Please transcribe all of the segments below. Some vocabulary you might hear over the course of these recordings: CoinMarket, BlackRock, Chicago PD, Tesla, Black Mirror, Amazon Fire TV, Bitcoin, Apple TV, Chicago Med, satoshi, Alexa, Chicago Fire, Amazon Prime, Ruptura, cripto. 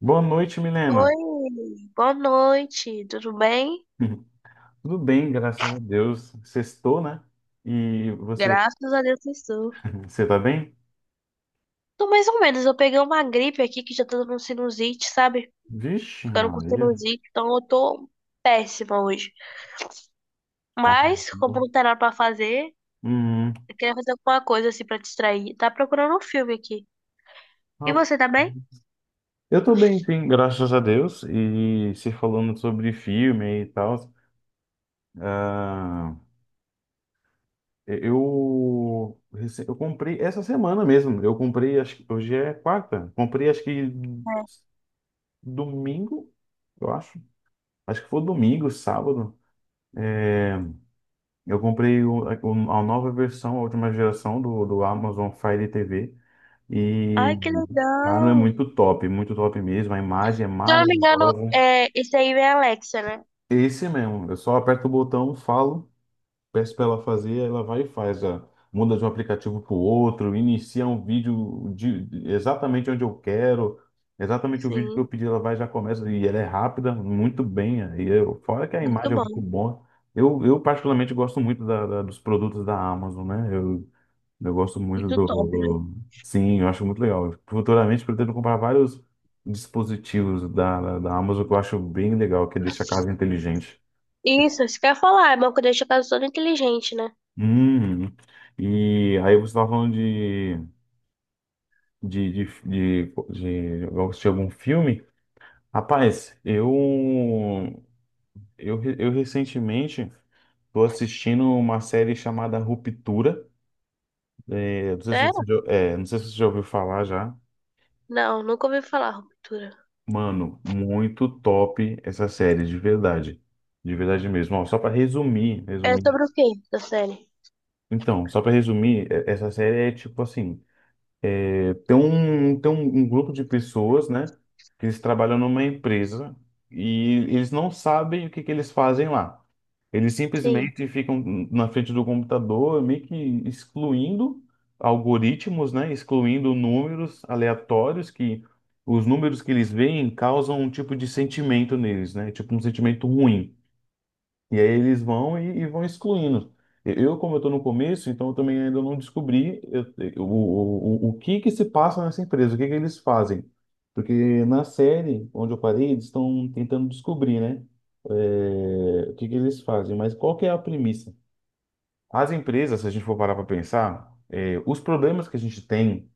Boa noite, Milena. Oi, boa noite, tudo bem? Tudo bem, graças a Deus. Sextou, né? E você, Graças a Deus estou. você tá bem? Tô mais ou menos, eu peguei uma gripe aqui que já tá dando sinusite, sabe? Vixe, Ficando com Maria. sinusite, então eu tô péssima hoje. Mas, Caramba. como não tem nada pra fazer, Hum, eu queria fazer alguma coisa assim pra distrair. Tá procurando um filme aqui. E ah, você tá bem? eu tô bem, sim, graças a Deus. E se falando sobre filme e tal, ah, eu comprei essa semana mesmo. Eu comprei, acho que hoje é quarta. Comprei, acho que domingo, eu acho. Acho que foi domingo, sábado. Eu comprei a nova versão, a última geração do Amazon Fire TV Ai, e, que cara, é legal! Muito top mesmo. A imagem é Se eu não me engano, maravilhosa. é, esse aí é Alexa, né? Esse mesmo, eu só aperto o botão, falo, peço para ela fazer, ela vai e faz, muda de um aplicativo para o outro, inicia um vídeo exatamente onde eu quero, exatamente o vídeo que Sim, eu pedi, ela vai e já começa, e ela é rápida, muito bem, e eu, fora que a muito imagem é bom, muito boa, eu particularmente gosto muito dos produtos da Amazon, né, eu gosto muito muito do, top, né? do- Sim, eu acho muito legal, futuramente pretendo comprar vários dispositivos da Amazon, que eu acho bem legal, que deixa a casa inteligente. Isso que eu ia falar, é bom que deixa a casa toda inteligente, né? Hum, e aí você estava falando de assistir algum filme? Rapaz, eu recentemente tô assistindo uma série chamada Ruptura. É, Certo? Não sei se você já ouviu falar já. Não, nunca ouvi falar, ruptura. Mano, muito top essa série, de verdade. De verdade mesmo. Ó, só para resumir, É resumir. sobre o quê da série? Então, só para resumir, essa série é tipo assim. Tem um grupo de pessoas, né, que eles trabalham numa empresa e eles não sabem o que que eles fazem lá. Eles Sim, simplesmente ficam na frente do computador, meio que excluindo algoritmos, né, excluindo números aleatórios, que os números que eles veem causam um tipo de sentimento neles, né, tipo um sentimento ruim. E aí eles vão e, vão excluindo. Eu, como eu estou no começo, então eu também ainda não descobri o que que se passa nessa empresa, o que que eles fazem. Porque na série onde eu parei, eles estão tentando descobrir, né? O que que eles fazem. Mas qual que é a premissa? As empresas, se a gente for parar para pensar, os problemas que a gente tem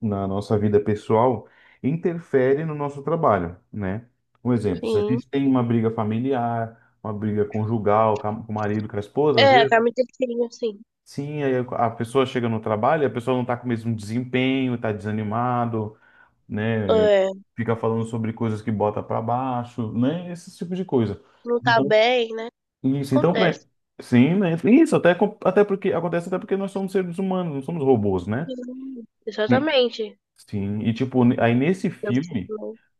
na nossa vida pessoal interfere no nosso trabalho, né? Um exemplo, se a sim. gente tem uma briga familiar, uma briga conjugal com com o marido, com a esposa, às É, a vezes, Carmen tem sim. sim, aí a pessoa chega no trabalho, e a pessoa não está com o mesmo desempenho, está desanimado, né? É, Fica falando sobre coisas que bota para baixo, né? Esse tipo de coisa. não tá Então, bem, né? isso, então, Acontece. sim, né? Isso, até, até porque acontece, até porque nós somos seres humanos, não somos robôs, né? Sim, Sim. exatamente. Sim, e tipo, aí nesse filme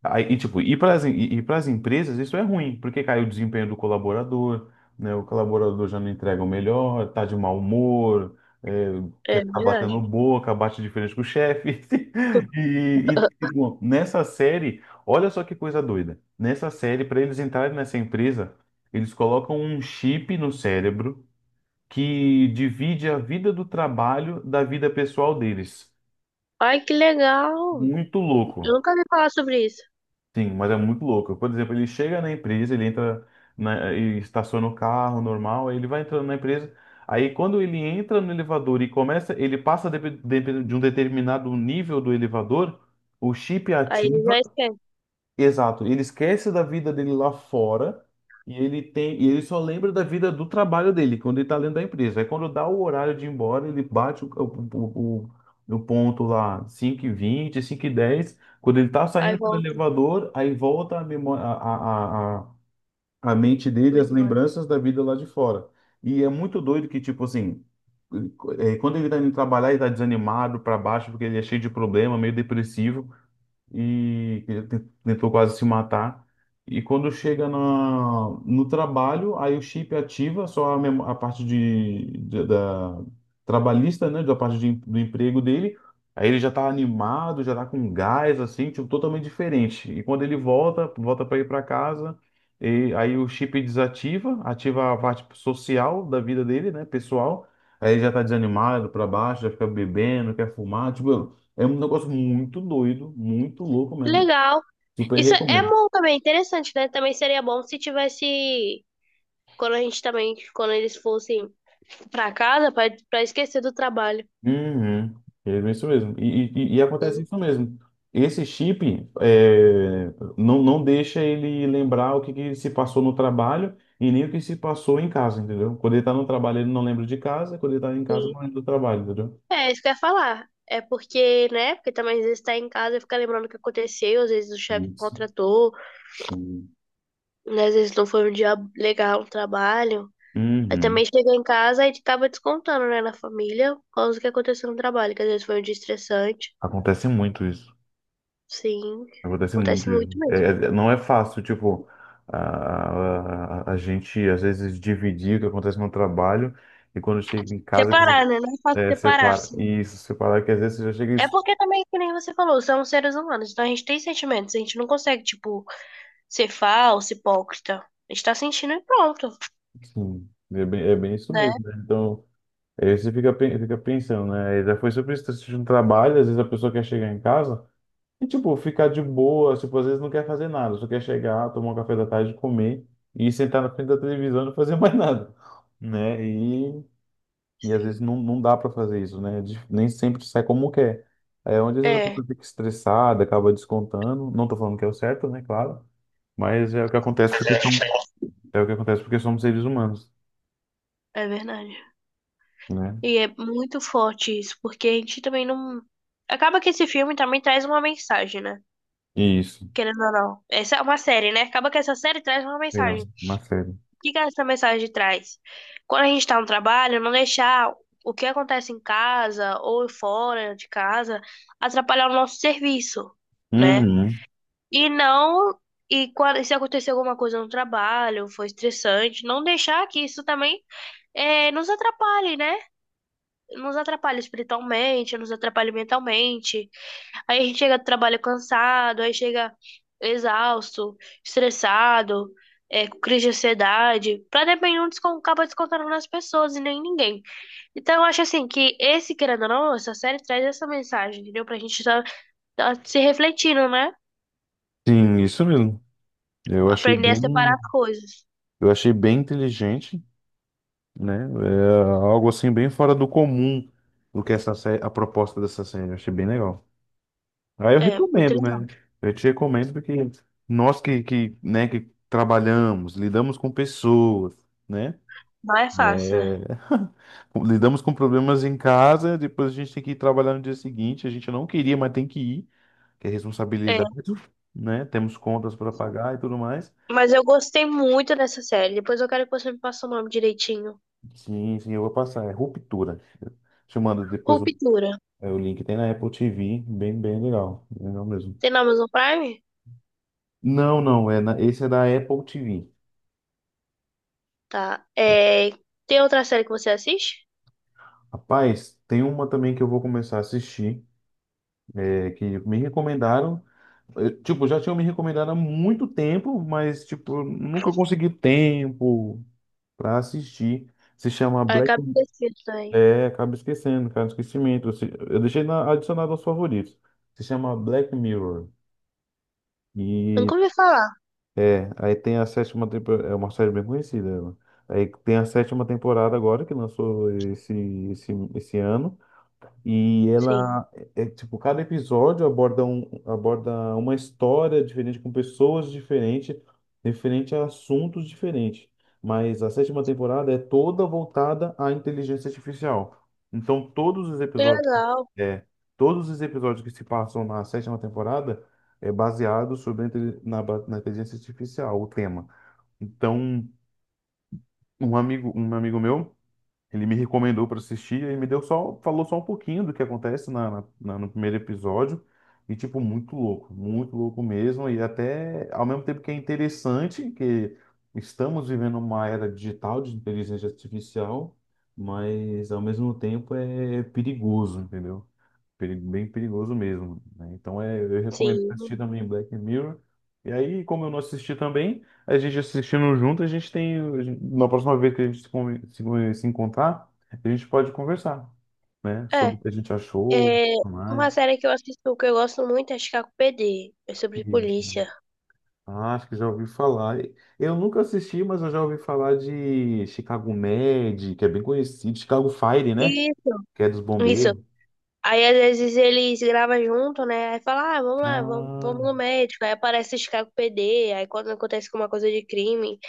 aí, e tipo, e pras empresas isso é ruim, porque cai o desempenho do colaborador, né? O colaborador já não entrega o melhor, tá de mau humor, é, É quer ficar verdade. batendo boca, bate de frente com o chefe. E, tipo, nessa série, olha só que coisa doida. Nessa série, para eles entrarem nessa empresa, eles colocam um chip no cérebro que divide a vida do trabalho da vida pessoal deles. Ai, que legal! Muito Eu louco. nunca ouvi falar sobre isso. Sim, mas é muito louco. Por exemplo, ele chega na empresa, ele entra e estaciona o carro normal, aí ele vai entrando na empresa. Aí quando ele entra no elevador e começa, ele passa de um determinado nível do elevador, o chip Aí ele ativa. já esquece. Exato, ele esquece da vida dele lá fora e ele só lembra da vida do trabalho dele, quando ele tá dentro da empresa. Aí quando dá o horário de ir embora, ele bate o ponto lá, cinco e vinte, cinco e dez. Quando ele tá Aí saindo pelo volta. elevador, aí volta a, memória, a mente dele, as Melhora. lembranças da vida lá de fora. E é muito doido que, tipo assim, quando ele tá indo trabalhar, ele tá desanimado, pra baixo, porque ele é cheio de problema, meio depressivo e que tentou quase se matar. E quando chega no trabalho, aí o chip ativa só a parte da trabalhista, né, da parte do emprego dele. Aí ele já tá animado, já tá com gás, assim, tipo, totalmente diferente. E quando ele volta, para ir para casa, e aí o chip desativa, ativa a parte social da vida dele, né, pessoal. Aí ele já tá desanimado, para baixo, já fica bebendo, quer fumar, tipo, é um negócio muito doido, muito louco Que mesmo. legal. Super Isso é recomendo. bom também, interessante, né? Também seria bom se tivesse. Quando a gente também. Quando eles fossem pra casa, pra, pra esquecer do trabalho. Uhum. É isso mesmo. E acontece isso mesmo. Esse chip não deixa ele lembrar o que, que se passou no trabalho e nem o que se passou em casa, entendeu? Quando ele tá no trabalho, ele não lembra de casa, quando ele tá em casa, Sim. não lembra do trabalho, entendeu? É, isso que eu ia falar. É porque, né? Porque também às vezes tá em casa e fica lembrando o que aconteceu, às vezes o chefe Isso, contratou, sim. né? Às vezes não foi um dia legal no trabalho. Aí também Uhum. chega em casa e acaba descontando, né, na família, por causa do que aconteceu no trabalho, que às vezes foi um dia estressante. Acontece muito isso. Sim, Acontece acontece muito muito isso. É, é- mesmo. é, não é fácil, tipo, a gente às vezes dividir o que acontece no trabalho e quando chega em casa que Separar, né? Não é fácil separar, separa. assim. E isso, separar que às vezes você já chega. É porque também, que nem você falou, somos seres humanos, então a gente tem sentimentos, a gente não consegue, tipo, ser falso, hipócrita. A gente tá sentindo e pronto, Sim, é bem isso né? mesmo, né? Então, aí você fica, fica pensando, né? Já foi sobre isso, tá assistindo um trabalho, às vezes a pessoa quer chegar em casa e, tipo, ficar de boa, tipo, às vezes não quer fazer nada, só quer chegar, tomar um café da tarde, comer e sentar na frente da televisão e não fazer mais nada, né? E às vezes Sim. não, não dá para fazer isso, né? Nem sempre sai como quer. É onde às vezes a É. pessoa fica estressada, acaba descontando. Não tô falando que é o certo, né? Claro. Mas é o que acontece porque somos seres humanos, É verdade. né? E é muito forte isso, porque a gente também não. Acaba que esse filme também traz uma mensagem, né? Isso. Querendo ou não. Essa é uma série, né? Acaba que essa série traz uma É mensagem. O uma série. que que essa mensagem traz? Quando a gente tá no trabalho, não deixar o que acontece em casa ou fora de casa atrapalhar o nosso serviço, né? Uhum. E não. E quando, se acontecer alguma coisa no trabalho, foi estressante, não deixar que isso também nos atrapalhe, né? Nos atrapalha espiritualmente, nos atrapalha mentalmente. Aí a gente chega do trabalho cansado, aí chega exausto, estressado, é, com crise de ansiedade. Pra depender, um descon- acaba descontando nas pessoas e nem ninguém. Então eu acho assim que esse, querendo ou não, essa série traz essa mensagem, entendeu? Pra gente tá, tá se refletindo, né? Sim, isso mesmo. Eu achei Aprender a separar bem, as coisas. eu achei bem inteligente, né? É algo assim bem fora do comum do que essa série, a proposta dessa série. Eu achei bem legal. Aí eu É, muito recomendo, legal. né? Eu te recomendo porque nós né, que trabalhamos, lidamos com pessoas, né? Não é fácil, né? É, lidamos com problemas em casa, depois a gente tem que ir trabalhar no dia seguinte. A gente não queria, mas tem que ir, que é É. responsabilidade, né? Temos contas para pagar e tudo mais. Mas eu gostei muito dessa série. Depois eu quero que você me passe o nome direitinho. Sim, sim, eu vou passar. É Ruptura. Te mando depois o, Ruptura. é, o link. Tem na Apple TV, bem, bem legal. Legal mesmo. Tem na Amazon Prime? Não, não, esse é da Apple TV. Tá. É, tem outra série que você assiste? Rapaz, tem uma também que eu vou começar a assistir, que me recomendaram. Tipo, já tinham me recomendado há muito tempo, mas, tipo, nunca consegui tempo pra assistir. Se chama Ah, Black. acabei de assistir também. É, acaba esquecendo, cara, esquecimento. Eu se- eu deixei adicionado aos favoritos. Se chama Black Mirror. Eu E nunca ouvi falar. Aí tem a sétima temporada. É uma série bem conhecida, ela. Aí tem a sétima temporada agora, que lançou esse ano. E Sim. ela é, tipo, cada episódio aborda, uma história diferente, com pessoas diferentes, referente a assuntos diferentes. Mas a sétima temporada é toda voltada à inteligência artificial. Então, Que legal. é, todos os episódios que se passam na sétima temporada é baseado sobre a inte- na, ba- na inteligência artificial, o tema. Então, um amigo meu, ele me recomendou para assistir e me deu só, falou só um pouquinho do que acontece no primeiro episódio. E, tipo, muito louco mesmo. E até, ao mesmo tempo que é interessante, que estamos vivendo uma era digital de inteligência artificial, mas, ao mesmo tempo, é perigoso, entendeu? Bem perigoso mesmo, né? Então eu recomendo assistir Sim. também Black Mirror. E aí, como eu não assisti também, a gente assistindo junto, a gente tem, na próxima vez que a gente se encontrar, a gente pode conversar, né? É, Sobre o que a gente achou, é tudo uma mais. série que eu assisto que eu gosto muito é Chicago PD. É sobre Sim, sim. polícia. Ah, acho que já ouvi falar. Eu nunca assisti, mas eu já ouvi falar de Chicago Med, que é bem conhecido, Chicago Fire, né? Isso. Que é dos Isso. bombeiros. Aí às vezes eles gravam junto, né? Aí fala, ah, vamos lá, vamos, vamos Ah, no médico. Aí aparece Chicago PD. Aí quando acontece alguma coisa de crime,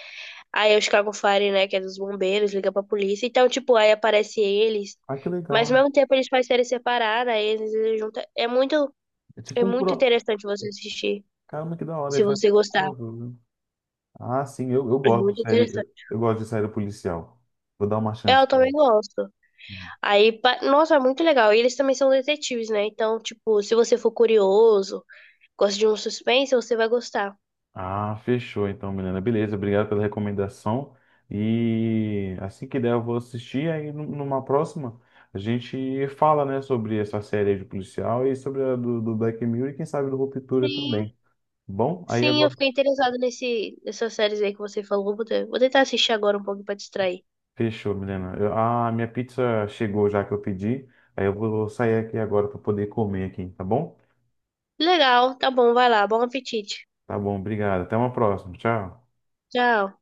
aí o Chicago Fire, né, que é dos bombeiros, liga pra polícia. Então, tipo, aí aparece eles. ah, que Mas ao legal. mesmo tempo eles fazem série separada, aí eles juntam. É tipo É um cura... muito interessante você assistir, Caramba, que da hora, se esse faz você tipo um gostar. crossover. Ah, sim, eu É gosto muito de série, interessante. eu gosto de série policial. Vou dar uma Eu chance. também gosto. Aí, pa- nossa, é muito legal. E eles também são detetives, né? Então, tipo, se você for curioso, gosta de um suspense, você vai gostar. Ah, fechou então, Milena. Beleza, obrigado pela recomendação. E assim que der, eu vou assistir. Aí numa próxima, a gente fala, né, sobre essa série aí de policial e sobre a do Black Mirror e quem sabe do Ruptura Sim, também. Bom, aí sim, eu agora fiquei interessada nesse, nessas séries aí que você falou. Vou te- vou tentar assistir agora um pouco pra distrair. fechou, Milena. A minha pizza chegou já que eu pedi. Aí eu vou sair aqui agora para poder comer aqui, tá bom? Legal, tá bom, vai lá, bom apetite. Tá bom, obrigado. Até uma próxima. Tchau. Tchau.